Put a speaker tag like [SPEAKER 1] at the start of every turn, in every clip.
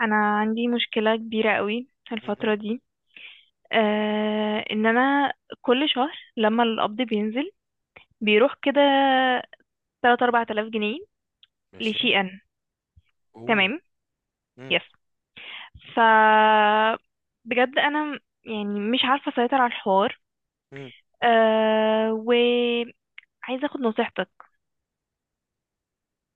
[SPEAKER 1] انا عندي مشكله كبيره قوي الفتره
[SPEAKER 2] مهم.
[SPEAKER 1] دي. آه ان انا كل شهر لما القبض بينزل بيروح كده 3 4000 جنيه
[SPEAKER 2] ماشي.
[SPEAKER 1] لشي ان.
[SPEAKER 2] اوه.
[SPEAKER 1] تمام.
[SPEAKER 2] مم.
[SPEAKER 1] يس، ف بجد انا يعني مش عارفه اسيطر على الحوار.
[SPEAKER 2] مم.
[SPEAKER 1] وعايزه اخد نصيحتك.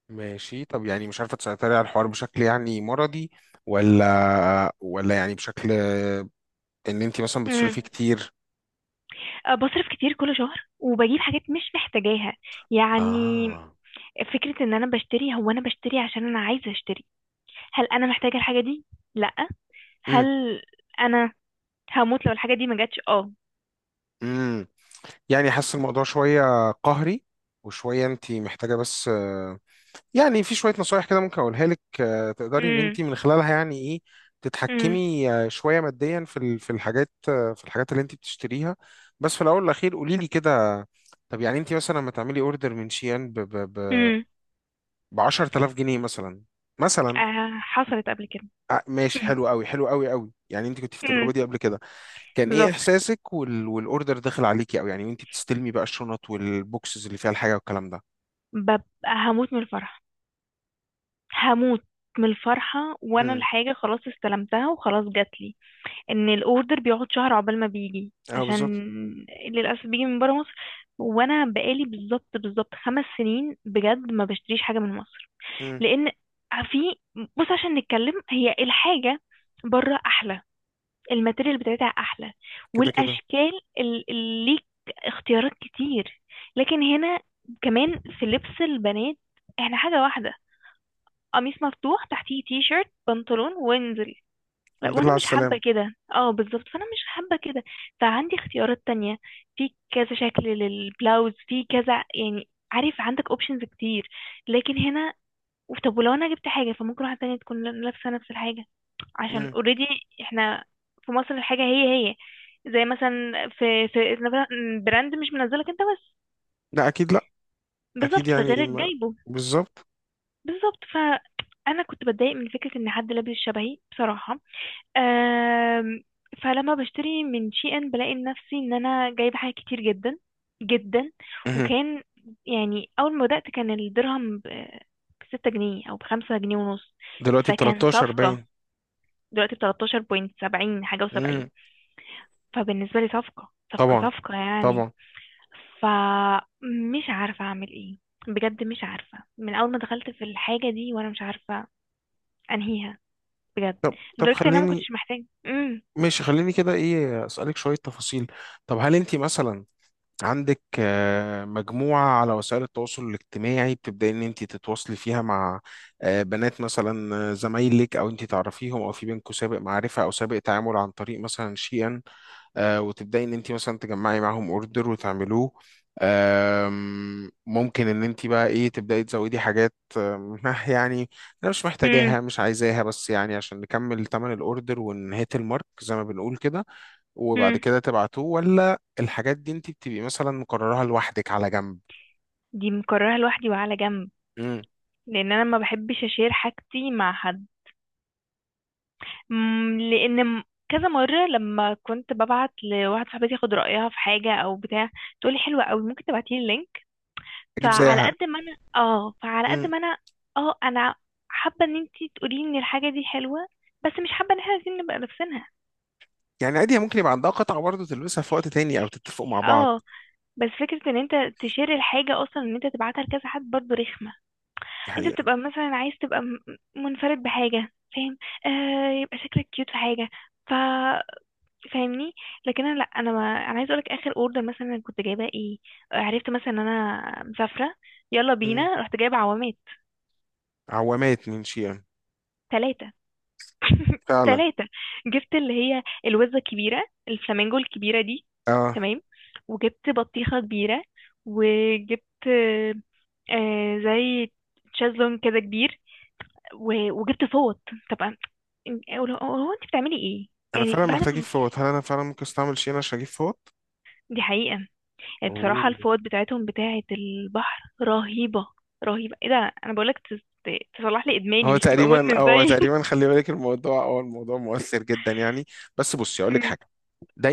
[SPEAKER 2] ماشي. طب يعني مش عارفة تسيطري على الحوار بشكل يعني مرضي، ولا يعني بشكل ان انت مثلا
[SPEAKER 1] مم.
[SPEAKER 2] بتصرفي كتير؟
[SPEAKER 1] بصرف كتير كل شهر وبجيب حاجات مش محتاجاها يعني.
[SPEAKER 2] اه
[SPEAKER 1] فكره ان انا بشتري، هو انا بشتري عشان انا عايزه اشتري. هل انا محتاجه الحاجه دي؟ لا. هل
[SPEAKER 2] مم.
[SPEAKER 1] انا هموت لو الحاجه دي ما جاتش؟ اه.
[SPEAKER 2] امم يعني حاسس الموضوع شوية قهري وشوية انت محتاجة بس. يعني في شوية نصايح كده ممكن أقولها لك، تقدري إن
[SPEAKER 1] امم
[SPEAKER 2] أنت من خلالها يعني إيه
[SPEAKER 1] امم
[SPEAKER 2] تتحكمي، شوية ماديا في في الحاجات، في الحاجات اللي أنت بتشتريها. بس في الأول والأخير قولي لي كده. طب يعني أنت مثلا لما تعملي أوردر من شيان ب ب ب
[SPEAKER 1] امم
[SPEAKER 2] ب 10000 جنيه مثلا. مثلا،
[SPEAKER 1] حصلت قبل كده.
[SPEAKER 2] ماشي.
[SPEAKER 1] امم
[SPEAKER 2] حلو قوي حلو قوي قوي. يعني أنت كنت في التجربة
[SPEAKER 1] امم
[SPEAKER 2] دي قبل كده، كان إيه
[SPEAKER 1] بالظبط،
[SPEAKER 2] إحساسك والأوردر داخل عليكي؟ أو يعني وأنت بتستلمي بقى الشنط والبوكسز اللي فيها الحاجة والكلام ده.
[SPEAKER 1] ببقى هموت من الفرح، هموت من الفرحة وانا
[SPEAKER 2] هم.
[SPEAKER 1] الحاجة خلاص استلمتها وخلاص جاتلي. ان الاوردر بيقعد شهر عقبال ما بيجي،
[SPEAKER 2] أه
[SPEAKER 1] عشان
[SPEAKER 2] بالظبط.
[SPEAKER 1] للأسف بيجي من برا مصر. وانا بقالي بالظبط بالظبط 5 سنين بجد ما بشتريش حاجة من مصر.
[SPEAKER 2] هم.
[SPEAKER 1] لان في بص، عشان نتكلم، هي الحاجة بره احلى، الماتيريال بتاعتها احلى،
[SPEAKER 2] كده كده.
[SPEAKER 1] والاشكال، ليك اختيارات كتير. لكن هنا كمان في لبس البنات احنا حاجة واحدة، قميص مفتوح تحتيه تي شيرت بنطلون وانزل. لا،
[SPEAKER 2] الحمد
[SPEAKER 1] وانا
[SPEAKER 2] لله على
[SPEAKER 1] مش حابة
[SPEAKER 2] السلامة.
[SPEAKER 1] كده، اه بالظبط، فانا مش حابة كده. فعندي اختيارات تانية، في كذا شكل للبلاوز، في كذا، يعني عارف عندك اوبشنز كتير. لكن هنا، طب ولو انا جبت حاجة فممكن واحدة تانية تكون لابسة نفس الحاجة، عشان اوريدي احنا في مصر الحاجة هي هي، زي مثلا في براند مش منزلك انت بس.
[SPEAKER 2] لا اكيد لا. اكيد
[SPEAKER 1] بالظبط،
[SPEAKER 2] يعني
[SPEAKER 1] فغيرك
[SPEAKER 2] ما...
[SPEAKER 1] جايبه.
[SPEAKER 2] بالظبط.
[SPEAKER 1] بالظبط، فانا كنت بتضايق من فكرة ان حد لابس شبهي بصراحة. أم فلما بشتري من شي ان بلاقي نفسي ان انا جايبة حاجات كتير جدا جدا.
[SPEAKER 2] مهم.
[SPEAKER 1] وكان يعني اول ما بدأت كان الدرهم بستة جنيه او بخمسة جنيه ونص،
[SPEAKER 2] دلوقتي ب
[SPEAKER 1] فكان
[SPEAKER 2] 13 باين.
[SPEAKER 1] صفقة. دلوقتي بتلاتاشر بوينت سبعين حاجة
[SPEAKER 2] امم
[SPEAKER 1] و70. فبالنسبة لي صفقة صفقة
[SPEAKER 2] طبعا
[SPEAKER 1] صفقة يعني.
[SPEAKER 2] طبعا.
[SPEAKER 1] فمش عارفة أعمل إيه، بجد مش عارفة. من أول ما دخلت في الحاجة دي وأنا مش عارفة أنهيها بجد،
[SPEAKER 2] طب
[SPEAKER 1] لدرجة إن أنا ما
[SPEAKER 2] خليني.
[SPEAKER 1] كنتش محتاجة. أمم
[SPEAKER 2] ماشي خليني كده ايه اسالك شويه تفاصيل. طب هل انت مثلا عندك، مجموعه على وسائل التواصل الاجتماعي بتبداي ان انت تتواصلي فيها مع، بنات مثلا، زمايلك او انت تعرفيهم او في بينكم سابق معرفه او سابق تعامل عن طريق مثلا شيئا، وتبداي ان انت مثلا تجمعي معاهم اوردر وتعملوه. ممكن ان انت بقى ايه تبداي تزودي حاجات، يعني انا مش
[SPEAKER 1] أمم
[SPEAKER 2] محتاجاها مش عايزاها بس يعني عشان نكمل ثمن الاوردر ونهيت المارك زي ما بنقول كده. وبعد
[SPEAKER 1] أمم
[SPEAKER 2] كده تبعتوه؟ ولا الحاجات دي انت بتبقي مثلا مقررها لوحدك على جنب؟
[SPEAKER 1] دي مكررها لوحدي وعلى جنب،
[SPEAKER 2] امم.
[SPEAKER 1] لأن أنا ما بحبش أشير حاجتي مع حد. لأن كذا مرة لما كنت ببعت لواحد صاحبتي ياخد رأيها في حاجة أو بتاع، تقولي حلوة أوي، ممكن تبعتيلي اللينك.
[SPEAKER 2] اجيب زيها.
[SPEAKER 1] فعلى قد
[SPEAKER 2] امم.
[SPEAKER 1] ما انا، اه، انا حابه ان انتي تقولي ان الحاجه دي حلوه، بس مش حابه ان احنا عايزين نبقى لابسينها.
[SPEAKER 2] يعني عادي ممكن يبقى عندها قطعة برضه تلبسها في وقت تاني او تتفقوا مع بعض.
[SPEAKER 1] اه، بس فكره ان انت تشير الحاجه اصلا، ان انت تبعتها لكذا حد برضو رخمه. انت
[SPEAKER 2] الحقيقة.
[SPEAKER 1] بتبقى مثلا عايز تبقى منفرد بحاجه، فاهم؟ آه، يبقى شكلك كيوت في حاجه. ف فاهمني. لكن انا لا، انا ما... انا عايز اقولك اخر اوردر مثلا أنا كنت جايباه ايه. عرفت مثلا ان انا مسافره، يلا
[SPEAKER 2] امم.
[SPEAKER 1] بينا، رحت جايبه عوامات
[SPEAKER 2] عوامات من شيء.
[SPEAKER 1] ثلاثه.
[SPEAKER 2] فعلا.
[SPEAKER 1] ثلاثة. جبت اللي هي الوزة الكبيرة الفلامينجو الكبيرة دي.
[SPEAKER 2] اه.
[SPEAKER 1] تمام. وجبت بطيخة كبيرة، وجبت زي تشازلون كده كبير، وجبت فوط. طبعا. هو هو انت بتعملي ايه
[SPEAKER 2] انا
[SPEAKER 1] يعني
[SPEAKER 2] فعلا
[SPEAKER 1] بعد
[SPEAKER 2] محتاج اجيب
[SPEAKER 1] ما...
[SPEAKER 2] فوط. هل انا فعلا ممكن استعمل شين عشان اجيب فوط؟
[SPEAKER 1] دي حقيقة، يعني
[SPEAKER 2] اوه.
[SPEAKER 1] بصراحة الفوط بتاعتهم بتاعة البحر رهيبة، رهيبة. ايه ده؟ انا بقولك تصلح لي ادماني،
[SPEAKER 2] هو
[SPEAKER 1] مش تبقى
[SPEAKER 2] تقريبا
[SPEAKER 1] مدمن
[SPEAKER 2] هو
[SPEAKER 1] زي
[SPEAKER 2] تقريبا خلي بالك، الموضوع هو الموضوع مؤثر جدا يعني. بس بصي اقول لك حاجه.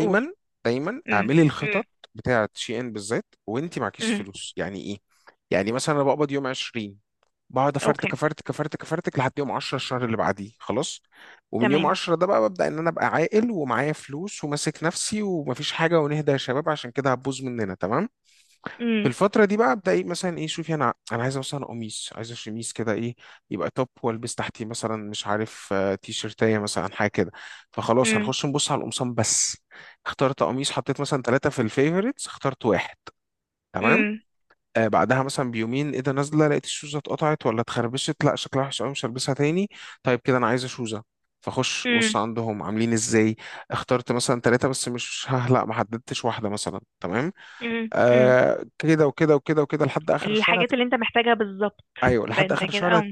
[SPEAKER 1] قول.
[SPEAKER 2] دايما
[SPEAKER 1] امم
[SPEAKER 2] اعملي
[SPEAKER 1] امم
[SPEAKER 2] الخطط بتاعه شي ان بالذات وانت معكيش
[SPEAKER 1] امم
[SPEAKER 2] فلوس يعني ايه. يعني مثلا انا بقبض يوم 20، بقعد
[SPEAKER 1] اوكي.
[SPEAKER 2] افرتك لحد يوم 10 الشهر اللي بعديه خلاص. ومن يوم
[SPEAKER 1] تمام.
[SPEAKER 2] 10 ده بقى ببدا ان انا ابقى عاقل ومعايا فلوس وماسك نفسي ومفيش حاجه ونهدى يا شباب عشان كده هتبوظ مننا. تمام. في
[SPEAKER 1] امم
[SPEAKER 2] الفترة دي بقى ابدا ايه. مثلا ايه شوفي، انا عايز مثلا قميص، عايز شميس كده ايه، يبقى توب والبس تحتيه مثلا مش عارف، تي شيرتايه مثلا حاجة كده. فخلاص
[SPEAKER 1] امم
[SPEAKER 2] هنخش نبص على القمصان بس. اخترت قميص، حطيت مثلا ثلاثة في الفيفوريتس، اخترت واحد. تمام.
[SPEAKER 1] امم
[SPEAKER 2] آه بعدها مثلا بيومين ايه ده نازلة، لقيت الشوزة اتقطعت ولا اتخربشت، لا شكلها وحش قوي مش هلبسها تاني. طيب كده انا عايزة شوزة. فخش بص
[SPEAKER 1] امم
[SPEAKER 2] عندهم عاملين ازاي. اخترت مثلا ثلاثة، بس مش ها لا ما حددتش واحدة مثلا. تمام.
[SPEAKER 1] امم امم
[SPEAKER 2] آه كده وكده وكده وكده لحد اخر الشهر هت...
[SPEAKER 1] الحاجات اللي انت محتاجها بالظبط.
[SPEAKER 2] ايوه
[SPEAKER 1] ده
[SPEAKER 2] لحد
[SPEAKER 1] انت
[SPEAKER 2] اخر
[SPEAKER 1] كده
[SPEAKER 2] الشهر
[SPEAKER 1] او...
[SPEAKER 2] هت...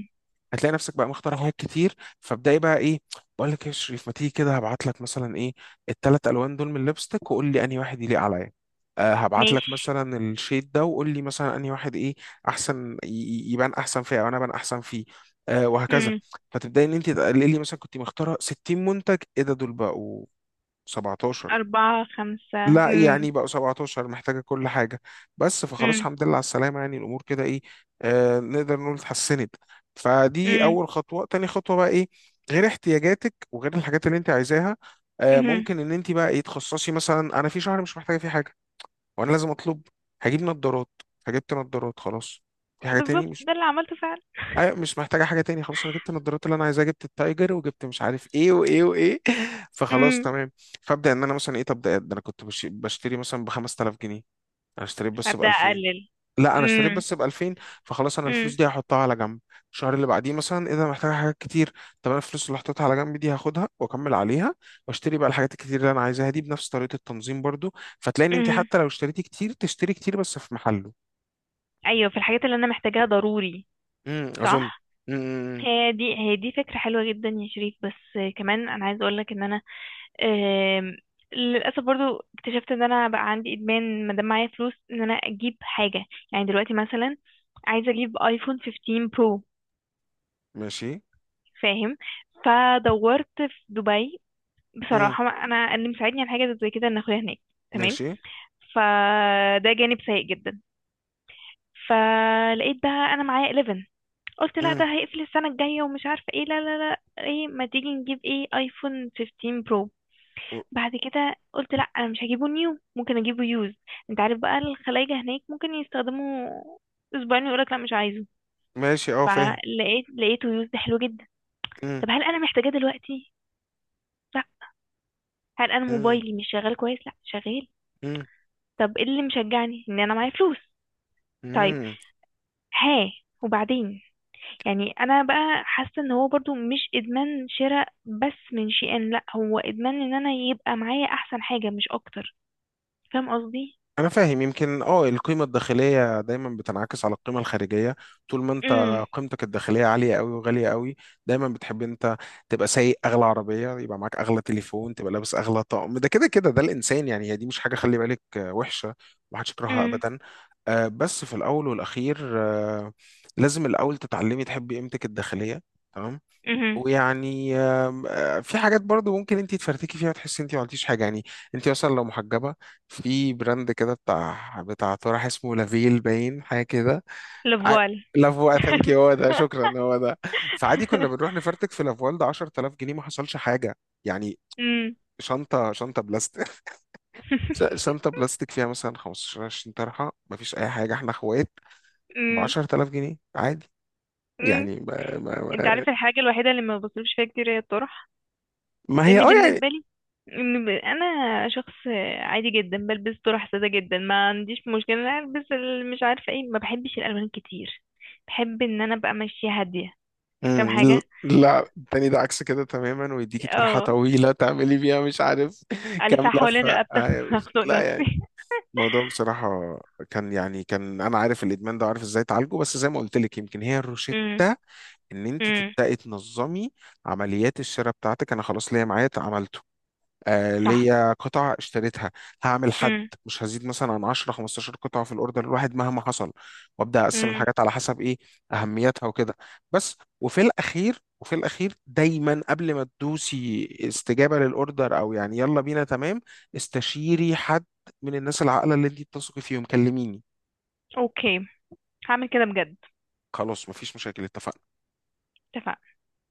[SPEAKER 2] هتلاقي نفسك بقى مختار حاجات كتير. فابداي بقى ايه، بقول لك ايه يا شريف ما تيجي كده، هبعت لك مثلا ايه الثلاث الوان دول من الليبستيك وقول لي انهي واحد يليق عليا. آه هبعت لك
[SPEAKER 1] ماشي.
[SPEAKER 2] مثلا الشيد ده وقول لي مثلا انهي واحد ايه احسن يبان احسن فيه او انا ابان احسن فيه. آه وهكذا.
[SPEAKER 1] امم
[SPEAKER 2] فتبداي ان انت تقللي، مثلا كنت مختاره 60 منتج، ايه ده دول بقوا 17.
[SPEAKER 1] أربعة خمسة.
[SPEAKER 2] لا
[SPEAKER 1] امم
[SPEAKER 2] يعني بقوا 17 محتاجة كل حاجة بس. فخلاص
[SPEAKER 1] امم
[SPEAKER 2] الحمد لله على السلامة يعني الأمور كده إيه، آه نقدر نقول اتحسنت. فدي
[SPEAKER 1] امم
[SPEAKER 2] أول خطوة. تاني خطوة بقى إيه، غير احتياجاتك وغير الحاجات اللي أنت عايزاها. آه
[SPEAKER 1] امم
[SPEAKER 2] ممكن إن أنت بقى إيه تخصصي، مثلا أنا في شهر مش محتاجة فيه حاجة وأنا لازم أطلب، هجيب نظارات. فجبت نظارات خلاص في حاجة تاني
[SPEAKER 1] بالظبط،
[SPEAKER 2] مش...
[SPEAKER 1] ده اللي عملته فعلا.
[SPEAKER 2] ايوه مش محتاجه حاجه تاني. خلاص انا جبت النضارات اللي انا عايزها، جبت التايجر، وجبت مش عارف ايه وايه وايه فخلاص
[SPEAKER 1] امم
[SPEAKER 2] تمام. فابدا ان انا مثلا ايه طب ده انا كنت بشتري مثلا ب 5000 جنيه، انا اشتريت بس ب
[SPEAKER 1] هبدأ
[SPEAKER 2] 2000.
[SPEAKER 1] أقلل.
[SPEAKER 2] لا انا اشتريت
[SPEAKER 1] امم
[SPEAKER 2] بس ب 2000. فخلاص انا الفلوس
[SPEAKER 1] امم
[SPEAKER 2] دي هحطها على جنب. الشهر اللي بعديه مثلا ايه ده أنا محتاجه حاجات كتير. طب انا الفلوس اللي حطيتها على جنب دي هاخدها واكمل عليها، واشتري بقى الحاجات الكتير اللي انا عايزاها دي بنفس طريقه التنظيم برضو. فتلاقي ان انت
[SPEAKER 1] امم
[SPEAKER 2] حتى لو اشتريتي كتير تشتري كتير بس في محله.
[SPEAKER 1] أيوة، في الحاجات اللي أنا محتاجاها ضروري،
[SPEAKER 2] اظن.
[SPEAKER 1] صح.
[SPEAKER 2] امم.
[SPEAKER 1] هي دي هي دي فكرة حلوة جدا يا شريف. بس كمان أنا عايزة أقولك إن أنا، آم، للاسف برضو اكتشفت ان انا بقى عندي ادمان، ما دام معايا فلوس ان انا اجيب حاجه. يعني دلوقتي مثلا عايزه اجيب ايفون 15 برو،
[SPEAKER 2] ماشي.
[SPEAKER 1] فاهم؟ فدورت في دبي.
[SPEAKER 2] امم.
[SPEAKER 1] بصراحه انا اللي مساعدني على حاجه زي كده ان اخويا هناك، تمام.
[SPEAKER 2] ماشي.
[SPEAKER 1] فده جانب سيء جدا. فلقيت بقى انا معايا 11. قلت لا،
[SPEAKER 2] مم.
[SPEAKER 1] ده هيقفل السنه الجايه ومش عارفه ايه. لا لا لا، ايه، ما تيجي نجيب ايه؟ ايفون 15 برو.
[SPEAKER 2] و-
[SPEAKER 1] بعد كده قلت لا، انا مش هجيبه نيو، ممكن اجيبه يوز. انت عارف بقى الخلايجة هناك ممكن يستخدموا اسبوعين ويقولك لا، مش عايزه.
[SPEAKER 2] ماشي اه فاهم.
[SPEAKER 1] فلقيت، لقيته يوز، ده حلو جدا.
[SPEAKER 2] مم.
[SPEAKER 1] طب هل انا محتاجاه دلوقتي؟ لا. هل انا
[SPEAKER 2] مم.
[SPEAKER 1] موبايلي مش شغال كويس؟ لا، شغال.
[SPEAKER 2] مم.
[SPEAKER 1] طب ايه اللي مشجعني؟ ان انا معايا فلوس. طيب.
[SPEAKER 2] مم.
[SPEAKER 1] ها. وبعدين. يعني انا بقى حاسه ان هو برضو مش ادمان شراء بس من شيئان، لا، هو ادمان ان انا يبقى معايا احسن حاجه، مش اكتر. فاهم قصدي؟
[SPEAKER 2] انا فاهم. يمكن اه القيمه الداخليه دايما بتنعكس على القيمه الخارجيه. طول ما انت
[SPEAKER 1] امم
[SPEAKER 2] قيمتك الداخليه عاليه قوي وغاليه قوي، دايما بتحب انت تبقى سايق اغلى عربيه، يبقى معاك اغلى تليفون، تبقى لابس اغلى طقم، ده كده كده ده الانسان يعني. هي دي مش حاجه خلي بالك، وحشه. محدش يكرهها ابدا. بس في الاول والاخير، لازم الاول تتعلمي تحبي قيمتك الداخليه. تمام.
[SPEAKER 1] امم
[SPEAKER 2] ويعني، آم، آه، في حاجات برضو ممكن انت تفرتكي فيها وتحسي انت ما عملتيش حاجه يعني. انت اصلا لو محجبه، في براند كده بتاع طرح اسمه لافيل باين حاجه كده.
[SPEAKER 1] Le
[SPEAKER 2] ع-
[SPEAKER 1] voile.
[SPEAKER 2] لافوا ثانك يو. هو ده. شكرا هو ده. فعادي كنا بنروح نفرتك في لافوال ده 10000 جنيه، ما حصلش حاجه يعني.
[SPEAKER 1] امم
[SPEAKER 2] شنطه بلاستيك. شنطه بلاستيك فيها مثلا 15 20 طرحه، ما فيش اي حاجه، احنا اخوات ب
[SPEAKER 1] امم
[SPEAKER 2] 10000 جنيه عادي
[SPEAKER 1] امم
[SPEAKER 2] يعني. ما, ما,
[SPEAKER 1] انت
[SPEAKER 2] ما
[SPEAKER 1] عارف الحاجة الوحيدة اللي ما بصرفش فيها كتير هي الطرح.
[SPEAKER 2] ما هي اه
[SPEAKER 1] لان
[SPEAKER 2] يعني.
[SPEAKER 1] بالنسبة لي، انا شخص عادي جدا، بلبس طرح سادة جدا، ما عنديش مشكلة إن انا البس مش عارفة ايه. ما بحبش الالوان كتير، بحب ان انا ابقى ماشية هادية. فاهم
[SPEAKER 2] امم.
[SPEAKER 1] حاجة.
[SPEAKER 2] لا التاني ده عكس كده تماما، ويديكي طرحة
[SPEAKER 1] اه،
[SPEAKER 2] طويلة تعملي بيها مش عارف كام
[SPEAKER 1] الفها حوالين
[SPEAKER 2] لفة،
[SPEAKER 1] رقبتي اخنق
[SPEAKER 2] لا يعني.
[SPEAKER 1] نفسي.
[SPEAKER 2] الموضوع بصراحة كان يعني كان أنا عارف الإدمان ده وعارف إزاي أعالجه. بس زي ما قلت لك يمكن هي الروشتة
[SPEAKER 1] امم
[SPEAKER 2] إن أنت
[SPEAKER 1] امم
[SPEAKER 2] تبدأي تنظمي عمليات الشراء بتاعتك. أنا خلاص ليا معايا عملته. آه
[SPEAKER 1] صح.
[SPEAKER 2] ليا قطع اشتريتها. هعمل حد،
[SPEAKER 1] امم
[SPEAKER 2] مش هزيد مثلا عن 10 15 قطعة في الاوردر الواحد مهما حصل. وابدا اقسم
[SPEAKER 1] امم
[SPEAKER 2] الحاجات على حسب ايه اهميتها وكده بس. وفي الاخير وفي الاخير دايما قبل ما تدوسي استجابة للاوردر او يعني يلا بينا تمام، استشيري حد من الناس العاقلة اللي انت بتثقي فيهم. كلميني.
[SPEAKER 1] اوكي، هعمل كده بجد.
[SPEAKER 2] خلاص مفيش مشاكل. اتفقنا.
[SPEAKER 1] اتفقنا.